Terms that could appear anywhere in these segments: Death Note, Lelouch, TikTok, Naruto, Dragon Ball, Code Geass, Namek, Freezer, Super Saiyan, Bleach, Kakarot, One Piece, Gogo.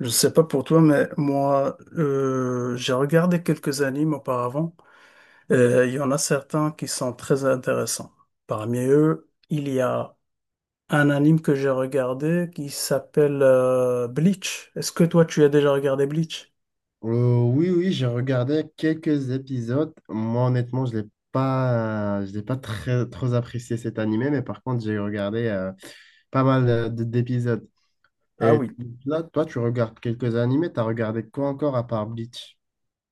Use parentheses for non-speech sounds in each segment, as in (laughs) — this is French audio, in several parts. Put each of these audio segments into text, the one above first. Je sais pas pour toi, mais moi, j'ai regardé quelques animes auparavant. Il y en a certains qui sont très intéressants. Parmi eux, il y a un anime que j'ai regardé qui s'appelle Bleach. Est-ce que toi, tu as déjà regardé Bleach? Oui, oui, j'ai regardé quelques épisodes. Moi, honnêtement, je l'ai pas très, trop apprécié cet animé, mais par contre, j'ai regardé pas mal d'épisodes. Ah Et oui. là, toi, tu regardes quelques animés, t'as regardé quoi encore à part Bleach?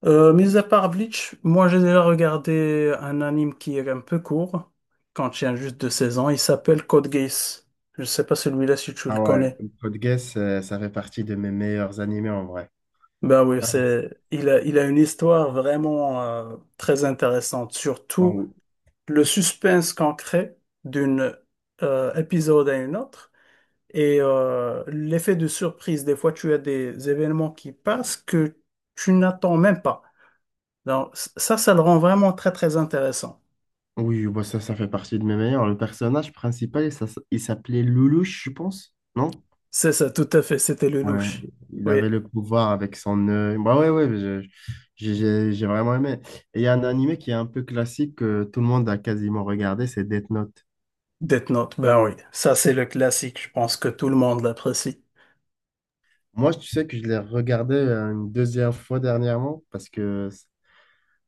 Mis à part Bleach, moi, j'ai déjà regardé un anime qui est un peu court, quand il y a juste deux saisons. Il s'appelle Code Geass. Je sais pas celui-là si tu le Ah ouais, connais. Code Geass, ça fait partie de mes meilleurs animés en vrai. Ben oui, Ah, c'est, il a une histoire vraiment très intéressante, surtout en- le suspense qu'on crée d'une épisode à une autre et l'effet de surprise. Des fois, tu as des événements qui passent que tu n'attends même pas. Donc, ça, ça le rend vraiment très, très intéressant. oui, bah ça, ça fait partie de mes meilleurs. Le personnage principal, ça, il s'appelait Lelouch, je pense, non? C'est ça, tout à fait, c'était le Ouais, louche. il Oui, avait le pouvoir avec son œil. Bah ouais, ouais, j'ai vraiment aimé. Et il y a un animé qui est un peu classique que tout le monde a quasiment regardé, c'est Death Note. Death Note, ben oui, ça, c'est le classique. Je pense que tout le monde l'apprécie. Moi, tu sais que je l'ai regardé une deuxième fois dernièrement parce que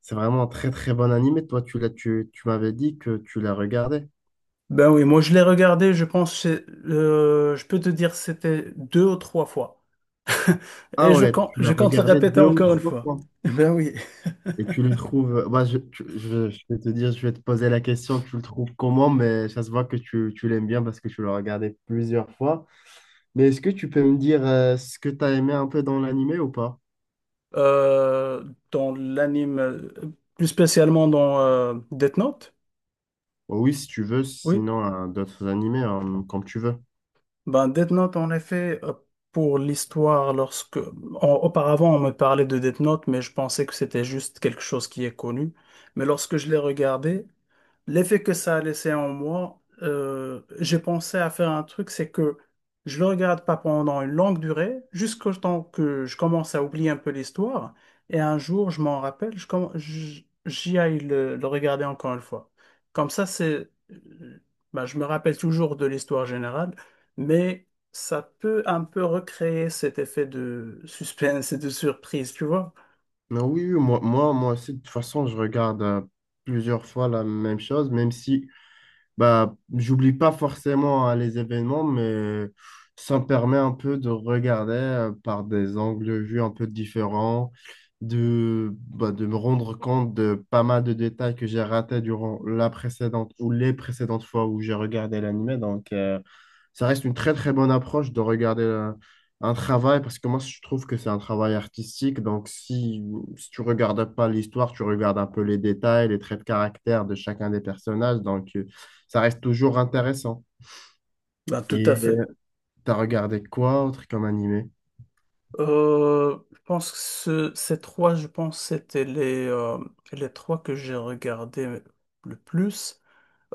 c'est vraiment un très très bon animé. Toi, tu m'avais dit que tu l'as regardé. Ben oui, moi je l'ai regardé, je pense, je peux te dire c'était deux ou trois fois. (laughs) Et Ah ouais, tu je l'as compte le regardé répéter deux ou encore une trois fois. fois. (laughs) Ben oui. Et tu le trouves. Bah, je vais te dire, je vais te poser la question, tu le trouves comment, mais ça se voit que tu l'aimes bien parce que tu l'as regardé plusieurs fois. Mais est-ce que tu peux me dire ce que tu as aimé un peu dans l'animé ou pas? Euh, Dans l'anime, plus spécialement dans Death Note, Oh oui, si tu veux, oui. sinon hein, d'autres animés, hein, comme tu veux. Ben Death Note, en effet, pour l'histoire, lorsque... auparavant, on me parlait de Death Note, mais je pensais que c'était juste quelque chose qui est connu. Mais lorsque je l'ai regardé, l'effet que ça a laissé en moi, j'ai pensé à faire un truc, c'est que je le regarde pas pendant une longue durée, jusqu'au temps que je commence à oublier un peu l'histoire, et un jour, je m'en rappelle, j'y aille le regarder encore une fois. Comme ça, bah, je me rappelle toujours de l'histoire générale, mais ça peut un peu recréer cet effet de suspense et de surprise, tu vois? Non, oui, oui, moi aussi, de toute façon, je regarde plusieurs fois la même chose, même si. Bah, j'oublie pas forcément hein, les événements, mais ça me permet un peu de regarder par des angles de vue un peu différents, bah, de me rendre compte de pas mal de détails que j'ai ratés durant la précédente ou les précédentes fois où j'ai regardé l'anime. Donc, ça reste une très très bonne approche de regarder un travail parce que moi, je trouve que c'est un travail artistique. Donc, si tu regardes pas l'histoire, tu regardes un peu les détails, les traits de caractère de chacun des personnages. Donc, ça reste toujours intéressant. Ben, tout Et à fait. T'as regardé quoi autre comme animé? Je pense que ces trois, je pense, c'était les trois que j'ai regardés le plus.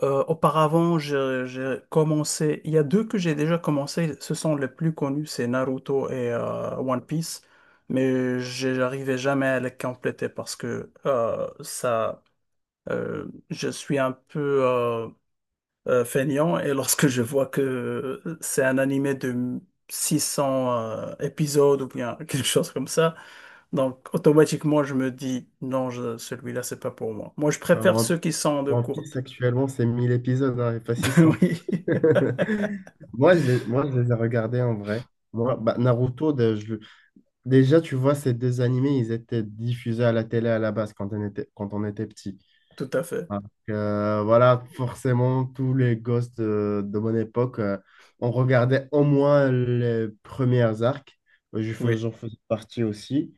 Auparavant, j'ai commencé. Il y a deux que j'ai déjà commencé. Ce sont les plus connus, c'est Naruto et One Piece. Mais j'arrivais jamais à les compléter parce que ça, je suis un peu. Feignant et lorsque je vois que c'est un animé de 600 épisodes ou bien (laughs) quelque chose comme ça, donc automatiquement je me dis non, celui-là c'est pas pour moi. Moi je Alors, préfère One ceux qui sont de One Piece courte. actuellement, c'est 1000 épisodes, hein, et pas (laughs) 600. Oui, (laughs) Moi, moi, je les ai regardés en vrai. Moi, bah, Naruto, déjà, tu vois, ces deux animés, ils étaient diffusés à la télé à la base quand on était petit. tout à fait. Donc, voilà, forcément, tous les gosses de mon époque, on regardait au moins les premières arcs. Oui. J'en faisais partie aussi.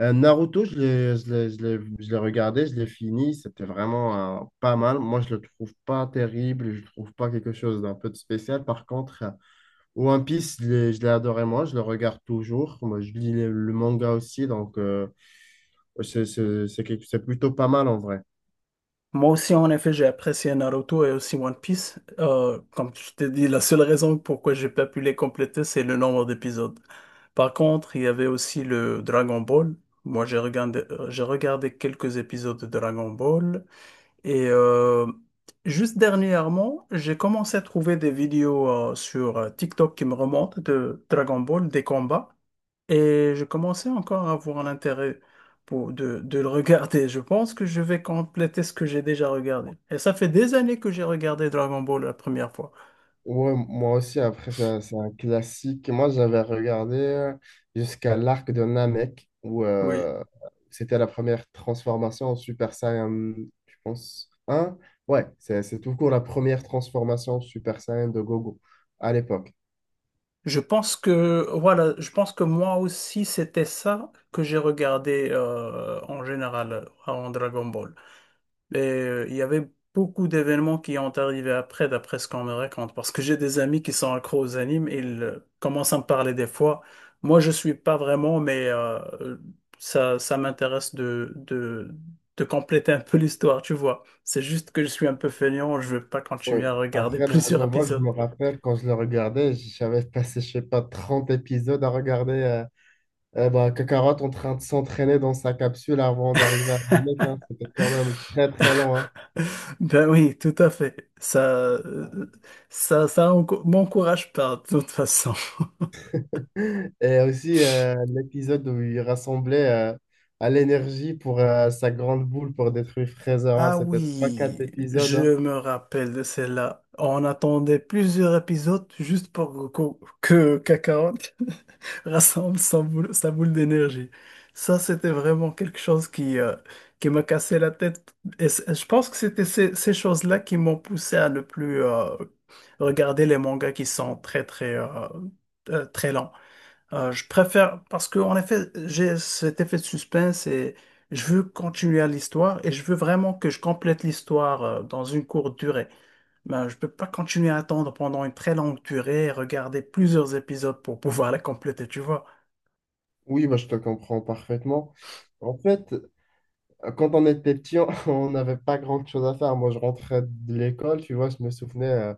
Naruto, je l'ai regardé, je l'ai fini, c'était vraiment pas mal. Moi, je le trouve pas terrible, je le trouve pas quelque chose d'un peu de spécial. Par contre, One Piece, je l'ai adoré, moi, je le regarde toujours. Moi, je lis le manga aussi, donc c'est plutôt pas mal en vrai. Moi aussi, en effet, j'ai apprécié Naruto et aussi One Piece. Comme je t'ai dit, la seule raison pourquoi j'ai pas pu les compléter, c'est le nombre d'épisodes. Par contre, il y avait aussi le Dragon Ball. Moi, j'ai regardé quelques épisodes de Dragon Ball. Et juste dernièrement, j'ai commencé à trouver des vidéos sur TikTok qui me remontent de Dragon Ball, des combats. Et je commençais encore à avoir l'intérêt de le regarder. Je pense que je vais compléter ce que j'ai déjà regardé. Et ça fait des années que j'ai regardé Dragon Ball la première fois. Ouais, moi aussi, après, c'est un classique. Moi, j'avais regardé jusqu'à l'arc de Namek, où Oui. C'était la première transformation en Super Saiyan, je pense, un. Ouais, c'est tout court la première transformation en Super Saiyan de Gogo à l'époque. Je pense que, voilà, je pense que moi aussi, c'était ça que j'ai regardé en général en Dragon Ball. Et il y avait beaucoup d'événements qui ont arrivé après, d'après ce qu'on me raconte, parce que j'ai des amis qui sont accros aux animes, et ils commencent à me parler des fois. Moi, je suis pas vraiment, mais ça, de compléter un peu (laughs) l'histoire, tu vois. C'est juste que je suis un peu feignant, je veux pas continuer Ouais. à regarder (laughs) Après plusieurs Dragon Ball, je épisodes. me rappelle quand je le regardais, j'avais passé, je sais pas, 30 épisodes à regarder bah, Kakarot en train de s'entraîner dans sa capsule avant d'arriver à Namek. Hein. C'était quand même très, très lent. Ben oui, tout à fait. Euh, ça m'encourage pas, de toute façon. Et aussi l'épisode où il rassemblait à l'énergie pour sa grande boule pour détruire Freezer. Hein. Ah C'était 3-4 oui, épisodes. Hein. je me rappelle de celle-là. On attendait plusieurs épisodes juste pour que Kakarot (laughs) rassemble sa boule d'énergie. Ça, c'était vraiment quelque chose qui m'a cassé la tête. Et je pense que c'était ces choses-là qui m'ont poussé à ne plus regarder les mangas qui sont très, très, très lents. Je préfère, parce que en effet, j'ai cet effet de suspense et je veux continuer à l'histoire et je veux vraiment que je complète l'histoire dans une courte durée. Ben, je peux pas continuer à attendre pendant une très longue durée et regarder plusieurs épisodes pour pouvoir la compléter, tu vois. Oui, bah, je te comprends parfaitement. En fait, quand on était petit, on (laughs) on n'avait pas grand-chose à faire. Moi, je rentrais de l'école, tu vois, je me souvenais,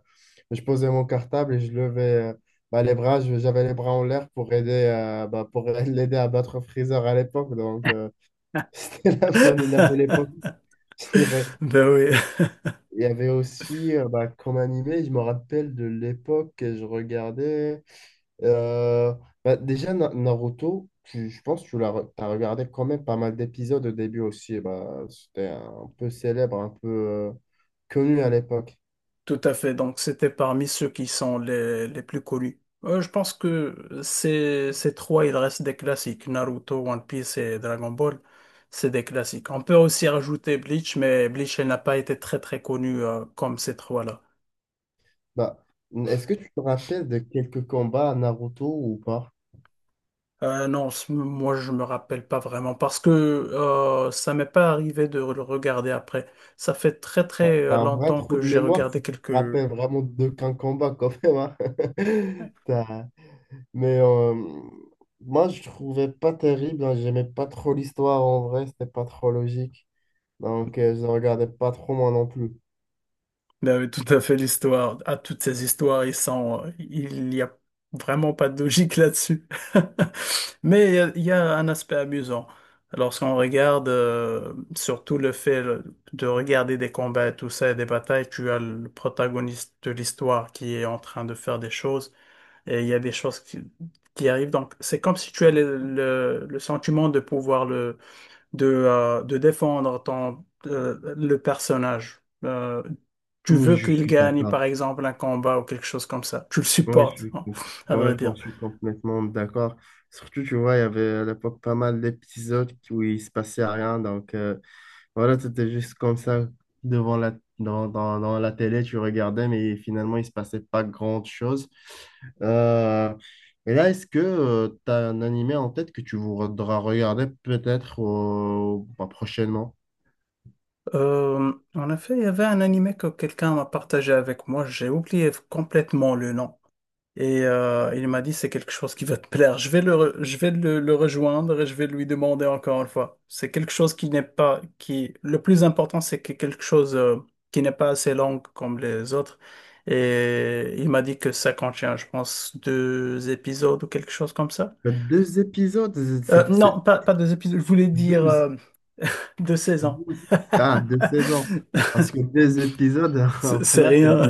je posais mon cartable et je levais bah, les bras, j'avais les bras en l'air pour aider, bah, pour (laughs) l'aider à battre Freezer à l'époque. Donc, (laughs) c'était la bonne et la belle époque, (laughs) je dirais. Ben oui. Il y avait aussi, bah, comme animé, je me rappelle de l'époque que je regardais. euh, Bah, déjà, Naruto, je pense que tu l'as, as regardé quand même pas mal d'épisodes au début aussi. Bah, c'était un peu célèbre, un peu connu à l'époque. Tout à fait. Donc, c'était parmi ceux qui sont les plus connus. Je pense que ces trois, il reste des classiques. Naruto, One Piece et Dragon Ball, c'est des classiques. On peut aussi rajouter Bleach, mais Bleach, elle n'a pas été très très connue comme ces trois-là. Bah, est-ce que tu te rappelles de quelques combats à Naruto ou pas? Non, moi, je me rappelle pas vraiment parce que ça m'est pas arrivé de le regarder après. Ça fait très T'as très t'as un vrai longtemps trou que de j'ai mémoire si regardé tu te quelques rappelles vraiment d'aucun combat quand même. Hein. (laughs) Mais moi, je trouvais pas terrible. Hein, j'aimais pas trop l'histoire en vrai. C'était pas trop logique. Donc, je ne regardais pas trop moi non plus. vous avez tout à fait l'histoire. À toutes ces histoires, il n'y a vraiment pas de logique là-dessus. (laughs) Mais il y a un aspect amusant. Lorsqu'on regarde, surtout le fait de regarder des combats et tout ça, et des batailles, tu as le protagoniste de l'histoire qui est en train de faire des choses, et il y a des choses qui arrivent. Donc, c'est comme si tu as le sentiment de pouvoir le de défendre le personnage. Tu Oui, veux je qu'il suis gagne, d'accord. par exemple, un combat ou quelque chose comme ça. Tu le Oui, supportes, hein, à quand vrai même, dire. je suis complètement d'accord. Surtout, tu vois, il y avait à l'époque pas mal d'épisodes où il se passait rien. Donc, voilà, c'était juste comme ça, devant la, dans la télé, tu regardais, mais finalement, il se passait pas grand-chose. Euh, et là, est-ce que tu as un animé en tête que tu voudras regarder peut-être bah, prochainement? En effet, il y avait un animé que quelqu'un m'a partagé avec moi. J'ai oublié complètement le nom. Et il m'a dit, c'est quelque chose qui va te plaire. Je vais je vais le rejoindre et je vais lui demander encore une fois. C'est quelque chose qui n'est pas, qui, le plus important, c'est que quelque chose qui n'est pas assez long comme les autres. Et il m'a dit que ça contient, je pense, deux épisodes ou quelque chose comme ça. Il y a deux épisodes, c'est Non, pas deux épisodes, je voulais dire 12, deux saisons. 12. (laughs) Ah, deux saisons. Parce que deux épisodes, (laughs) c'est là, rien,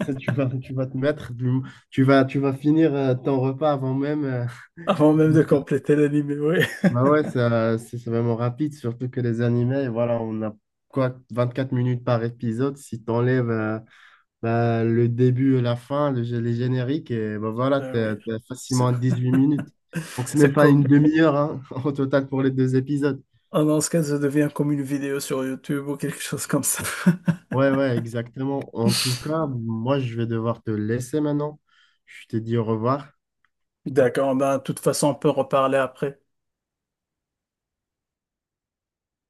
tu vas te mettre, tu vas finir ton repas avant même. (laughs) Avant même de compléter l'anime, oui. Bah ouais, ça, c'est vraiment rapide, surtout que les animés, voilà, on a quoi, 24 minutes par épisode. Si t'enlèves bah, le début et la fin, les génériques, et bah voilà, Ben t'es, oui. t'es C'est facilement à 8 minutes. Donc c'est même c'est pas une comme. demi-heure hein, (laughs) au total pour les deux épisodes. Ah non, ce cas, ça devient comme une vidéo sur YouTube ou quelque chose comme ça. Ouais, ouais, exactement. En tout cas, moi, je vais devoir te laisser maintenant. Je te dis au revoir. (laughs) D'accord, ben, de toute façon, on peut reparler après.